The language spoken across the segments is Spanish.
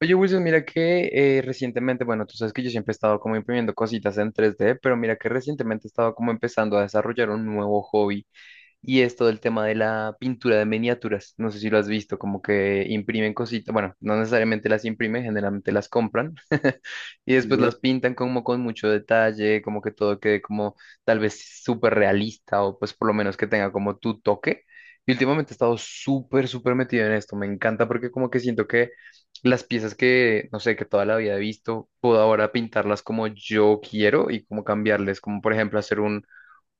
Oye, Wilson, mira que recientemente, bueno, tú sabes que yo siempre he estado como imprimiendo cositas en 3D, pero mira que recientemente he estado como empezando a desarrollar un nuevo hobby. Y es todo el tema de la pintura de miniaturas. No sé si lo has visto, como que imprimen cositas. Bueno, no necesariamente las imprimen, generalmente las compran. Y después Ya. las pintan como con mucho detalle, como que todo quede como tal vez súper realista o pues por lo menos que tenga como tu toque. Y últimamente he estado súper, súper metido en esto. Me encanta porque como que siento que las piezas que, no sé, que toda la vida he visto, puedo ahora pintarlas como yo quiero y como cambiarles, como por ejemplo hacer un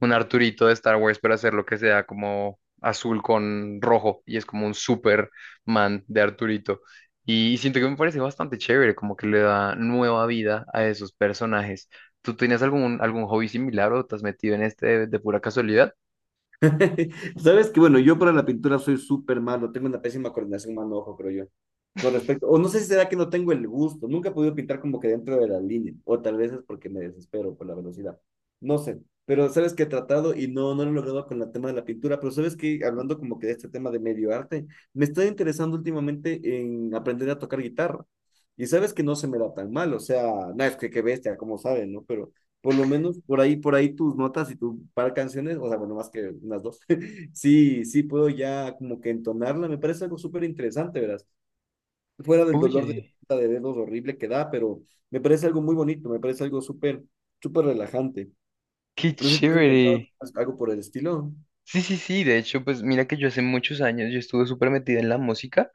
un Arturito de Star Wars, pero hacer lo que sea como azul con rojo y es como un Superman de Arturito. Y siento que me parece bastante chévere, como que le da nueva vida a esos personajes. ¿Tú tenías algún hobby similar o te has metido en este de pura casualidad? Sabes que, bueno, yo para la pintura soy súper malo, tengo una pésima coordinación mano-ojo, creo yo. Con respecto, o no sé si será que no tengo el gusto, nunca he podido pintar como que dentro de la línea, o tal vez es porque me desespero por la velocidad, no sé, pero sabes que he tratado y no lo he logrado con el tema de la pintura, pero sabes que hablando como que de este tema de medio arte, me está interesando últimamente en aprender a tocar guitarra, y sabes que no se me da tan mal, o sea, nada, es que qué bestia, como saben, ¿no? Por lo menos por ahí tus notas y tu par de canciones, o sea, bueno, más que unas dos, sí puedo ya como que entonarla, me parece algo súper interesante, ¿verdad? Fuera del Oye, de dedos horrible que da, pero me parece algo muy bonito, me parece algo súper relajante. qué No sé si tú has intentado chévere. algo por el estilo. Sí, sí, sí, de hecho, pues mira que yo hace muchos años yo estuve súper metida en la música.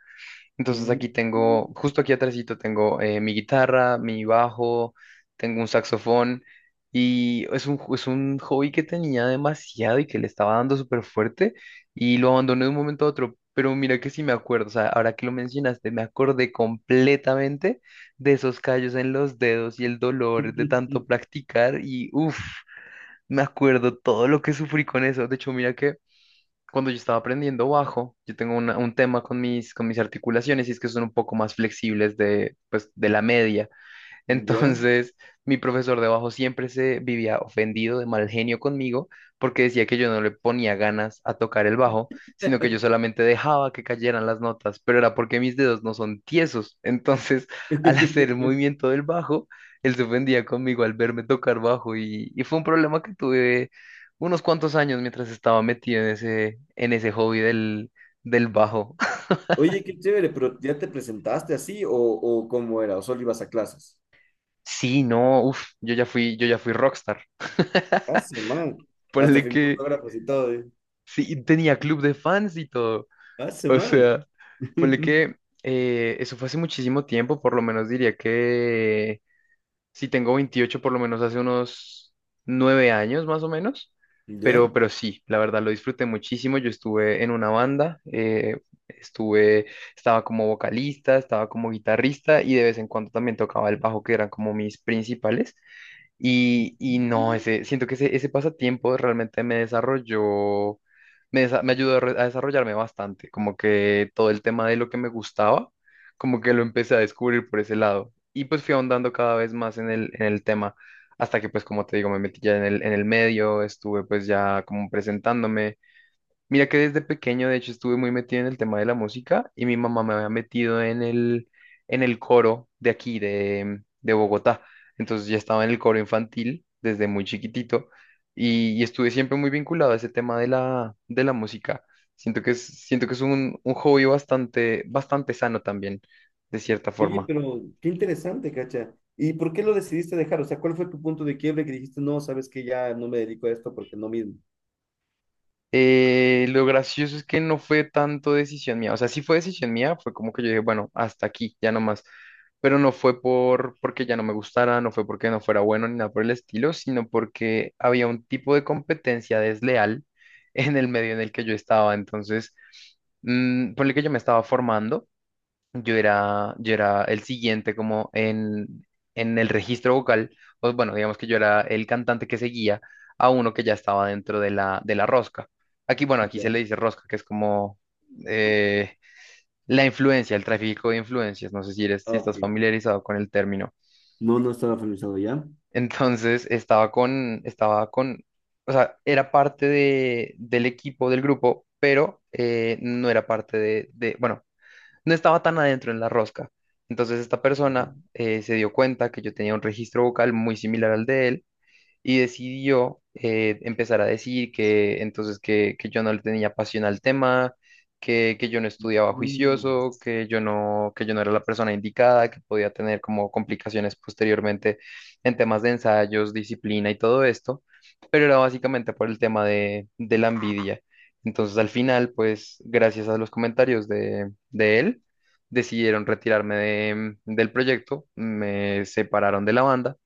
Entonces Mm. aquí tengo, justo aquí atrásito tengo mi guitarra, mi bajo, tengo un saxofón y es un hobby que tenía demasiado y que le estaba dando súper fuerte y lo abandoné de un momento a otro. Pero mira que sí me acuerdo, o sea, ahora que lo mencionaste, me acordé completamente de esos callos en los dedos y el dolor de tanto practicar y uff, me acuerdo todo lo que sufrí con eso. De hecho, mira que cuando yo estaba aprendiendo bajo, yo tengo un tema con mis articulaciones y es que son un poco más flexibles de, pues, de la media. Ya. Entonces, mi profesor de bajo siempre se vivía ofendido de mal genio conmigo porque decía que yo no le ponía ganas a tocar el bajo, sino que yo solamente dejaba que cayeran las notas, pero era porque mis dedos no son tiesos. Entonces, al hacer el movimiento del bajo, él se ofendía conmigo al verme tocar bajo y fue un problema que tuve unos cuantos años mientras estaba metido en ese hobby del bajo. Oye, qué chévere, pero ¿ya te presentaste así o cómo era? ¿O solo ibas a clases? Sí, no, uff, yo ya fui rockstar. Hace man. Hasta Ponle firmó que autógrafos y todo, ¿eh? Sí, y tenía club de fans y todo. Hace O man. sea, ponle que eso fue hace muchísimo tiempo, por lo menos diría que si tengo 28 por lo menos hace unos 9 años más o menos. ¿Ya? Pero sí, la verdad lo disfruté muchísimo. Yo estuve en una banda, estuve, estaba como vocalista, estaba como guitarrista y de vez en cuando también tocaba el bajo, que eran como mis principales. Y no, siento que ese pasatiempo realmente me desarrolló, me ayudó a desarrollarme bastante, como que todo el tema de lo que me gustaba, como que lo empecé a descubrir por ese lado. Y pues fui ahondando cada vez más en el tema, hasta que pues como te digo, me metí ya en el medio, estuve pues ya como presentándome. Mira que desde pequeño, de hecho, estuve muy metido en el tema de la música y mi mamá me había metido en el coro de aquí, de Bogotá. Entonces ya estaba en el coro infantil desde muy chiquitito y estuve siempre muy vinculado a ese tema de la música. Siento que es un hobby bastante, bastante sano también, de cierta Oye, forma. pero qué interesante, Cacha. ¿Y por qué lo decidiste dejar? O sea, ¿cuál fue tu punto de quiebre que dijiste, no, sabes que ya no me dedico a esto porque no mismo? Lo gracioso es que no fue tanto decisión mía, o sea, sí fue decisión mía, fue como que yo dije, bueno, hasta aquí, ya no más, pero no fue por porque ya no me gustara, no fue porque no fuera bueno ni nada por el estilo, sino porque había un tipo de competencia desleal en el medio en el que yo estaba, entonces, ponle que yo me estaba formando yo era el siguiente como en el registro vocal, pues bueno, digamos que yo era el cantante que seguía a uno que ya estaba dentro de la rosca. Aquí, bueno, aquí se Ya. le dice rosca, que es como eh, la influencia, el tráfico de influencias, no sé si eres, Ah, si ok. estás familiarizado con el término. No, no estaba familiarizado ya. Entonces, o sea, era parte del equipo, del grupo, pero no era parte bueno, no estaba tan adentro en la rosca. Entonces esta persona se dio cuenta que yo tenía un registro vocal muy similar al de él y decidió empezar a decir que entonces que yo no le tenía pasión al tema, que yo no estudiaba Mm. juicioso, que yo no era la persona indicada, que podía tener como complicaciones posteriormente en temas de ensayos, disciplina y todo esto, pero era básicamente por el tema de la envidia. Entonces al final, pues gracias a los comentarios de él, decidieron retirarme del proyecto, me separaron de la banda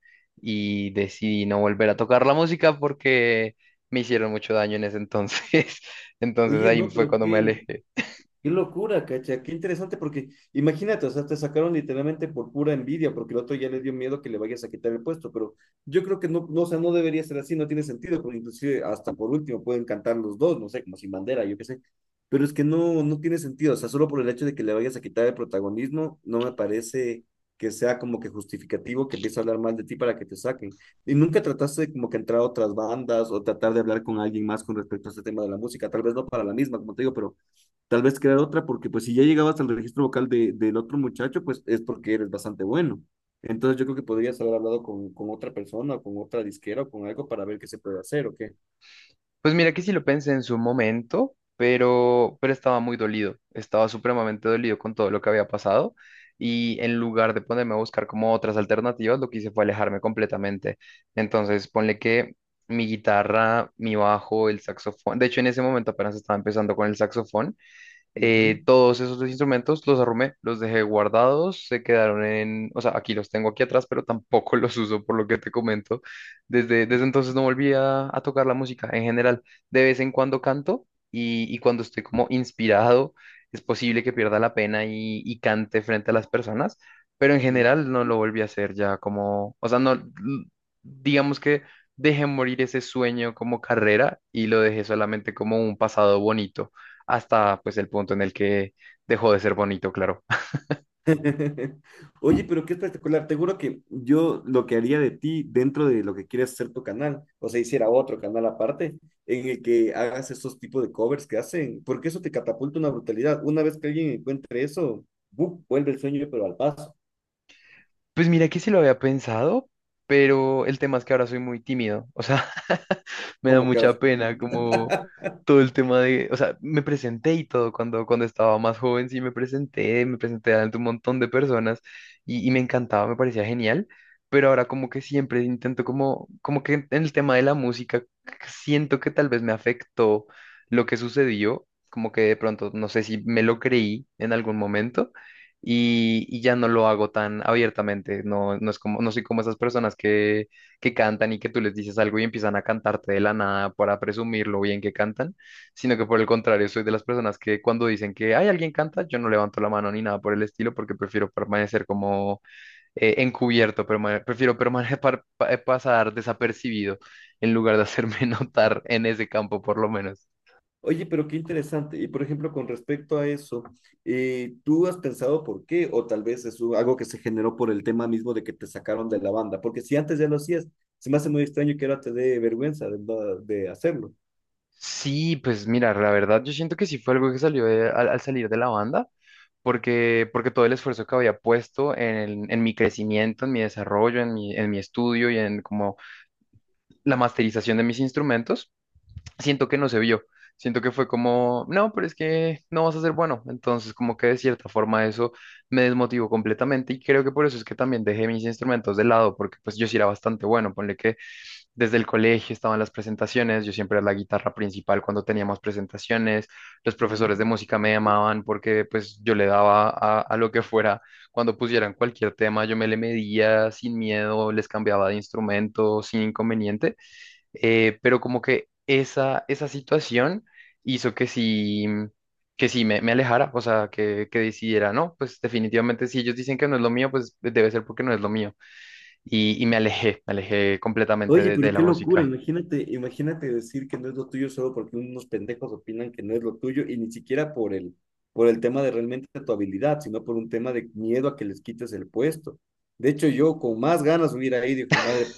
y decidí no volver a tocar la música porque me hicieron mucho daño en ese entonces. Entonces Oye, ahí no, fue cuando me alejé. qué locura, cacha, qué interesante, porque imagínate, o sea, te sacaron literalmente por pura envidia, porque el otro ya le dio miedo que le vayas a quitar el puesto, pero yo creo que no, no, o sea, no debería ser así, no tiene sentido, porque inclusive hasta por último pueden cantar los dos, no sé, como sin bandera, yo qué sé, pero es que no, no tiene sentido, o sea, solo por el hecho de que le vayas a quitar el protagonismo, no me parece que sea como que justificativo que empiece a hablar mal de ti para que te saquen. Y nunca trataste de como que entrar a otras bandas o tratar de hablar con alguien más con respecto a este tema de la música, tal vez no para la misma, como te digo, pero tal vez crear otra, porque pues si ya llegabas al registro vocal de, del otro muchacho, pues es porque eres bastante bueno. Entonces yo creo que podrías haber hablado con otra persona, o con otra disquera, o con algo para ver qué se puede hacer o qué. Pues mira que sí lo pensé en su momento, pero estaba muy dolido, estaba supremamente dolido con todo lo que había pasado. Y en lugar de ponerme a buscar como otras alternativas, lo que hice fue alejarme completamente. Entonces, ponle que mi guitarra, mi bajo, el saxofón, de hecho en ese momento apenas estaba empezando con el saxofón. Ujú. Todos esos dos instrumentos los arrumé, los dejé guardados, se quedaron o sea, aquí los tengo aquí atrás, pero tampoco los uso por lo que te comento. Desde entonces no volví a tocar la música en general. De vez en cuando canto y cuando estoy como inspirado, es posible que pierda la pena y cante frente a las personas, pero en Mm. general no lo volví a hacer ya como, o sea, no, digamos que dejé morir ese sueño como carrera y lo dejé solamente como un pasado bonito hasta pues el punto en el que dejó de ser bonito, claro. Oye, pero qué espectacular. Te juro que yo lo que haría de ti dentro de lo que quieres hacer tu canal, o sea, hiciera otro canal aparte en el que hagas esos tipos de covers que hacen, porque eso te catapulta una brutalidad. Una vez que alguien encuentre eso, ¡buf! Vuelve el sueño, pero al paso. Pues mira que sí lo había pensado, pero el tema es que ahora soy muy tímido, o sea, me da Como que ahora. mucha pena como todo el tema o sea, me presenté y todo cuando, cuando estaba más joven, sí me presenté ante un montón de personas y me encantaba, me parecía genial, pero ahora como que siempre intento como que en el tema de la música siento que tal vez me afectó lo que sucedió, como que de pronto no sé si me lo creí en algún momento y ya no lo hago tan abiertamente. No, no no soy como esas personas que cantan y que tú les dices algo y empiezan a cantarte de la nada para presumir lo bien que cantan, sino que por el contrario, soy de las personas que cuando dicen que hay alguien canta, yo no levanto la mano ni nada por el estilo porque prefiero permanecer como encubierto, prefiero permanecer, pasar desapercibido en lugar de hacerme notar en ese campo por lo menos. Oye, pero qué interesante. Y por ejemplo, con respecto a eso, ¿tú has pensado por qué? O tal vez es algo que se generó por el tema mismo de que te sacaron de la banda. Porque si antes ya lo hacías, se me hace muy extraño que ahora te dé vergüenza de, de hacerlo. Sí, pues mira, la verdad yo siento que sí fue algo que salió al salir de la banda. Porque todo el esfuerzo que había puesto en mi crecimiento, en mi desarrollo, en mi estudio y en como la masterización de mis instrumentos, siento que no se vio. Siento que fue como, no, pero es que no vas a ser bueno. Entonces, como que de cierta forma eso me desmotivó completamente y creo que por eso es que también dejé mis instrumentos de lado, porque pues yo sí era bastante bueno. Ponle que desde el colegio estaban las presentaciones, yo siempre era la guitarra principal cuando teníamos presentaciones, los Mm. profesores de música me llamaban porque pues yo le daba a lo que fuera, cuando pusieran cualquier tema yo me le medía sin miedo, les cambiaba de instrumento sin inconveniente, pero como que esa situación hizo que sí, que sí me alejara, o sea, que decidiera, no, pues definitivamente si ellos dicen que no es lo mío, pues debe ser porque no es lo mío y me alejé completamente Oye, de pero la qué locura. música. Imagínate, imagínate decir que no es lo tuyo solo porque unos pendejos opinan que no es lo tuyo y ni siquiera por el tema de realmente tu habilidad, sino por un tema de miedo a que les quites el puesto. De hecho, yo con más ganas hubiera ido, hijo de madre,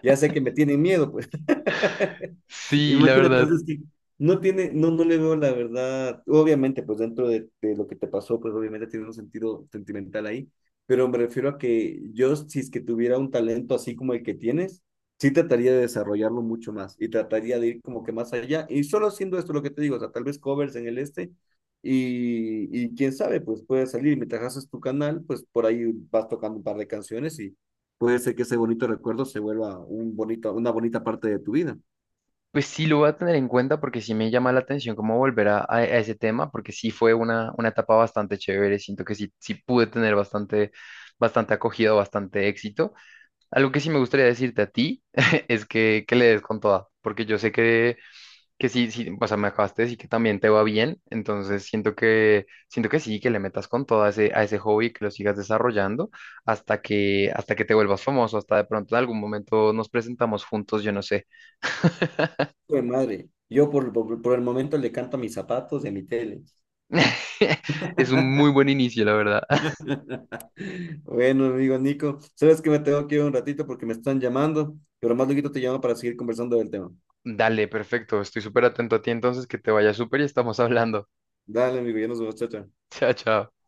ya sé que me tienen miedo, pues. Sí, la Imagínate, verdad, entonces que no tiene, no, no le veo la verdad. Obviamente, pues dentro de lo que te pasó, pues obviamente tiene un sentido sentimental ahí, pero me refiero a que yo, si es que tuviera un talento así como el que tienes, sí trataría de desarrollarlo mucho más y trataría de ir como que más allá. Y solo haciendo esto, lo que te digo, o sea, tal vez covers en el este y quién sabe, pues puede salir. Mientras haces tu canal, pues por ahí vas tocando un par de canciones y puede ser que ese bonito recuerdo se vuelva un bonito, una bonita parte de tu vida. pues sí lo voy a tener en cuenta porque sí me llama la atención cómo volver a ese tema, porque sí fue una etapa bastante chévere, siento que sí, sí pude tener bastante, bastante acogida, bastante éxito. Algo que sí me gustaría decirte a ti es que le des con toda, porque yo sé que sí, sí, o sea, me acabaste de decir que también te va bien, entonces siento que sí, que le metas con todo a ese hobby, que lo sigas desarrollando hasta que te vuelvas famoso, hasta de pronto en algún momento nos presentamos juntos, yo no sé. Hijo de madre. Yo por el momento le canto a mis zapatos y a mi tele. Es un muy buen inicio, la verdad. Bueno, amigo Nico, sabes que me tengo que ir un ratito porque me están llamando, pero más luego te llamo para seguir conversando del tema. Dale, perfecto, estoy súper atento a ti entonces, que te vaya súper y estamos hablando. Dale, amigo, ya nos vemos, chao, chao. Chao, chao.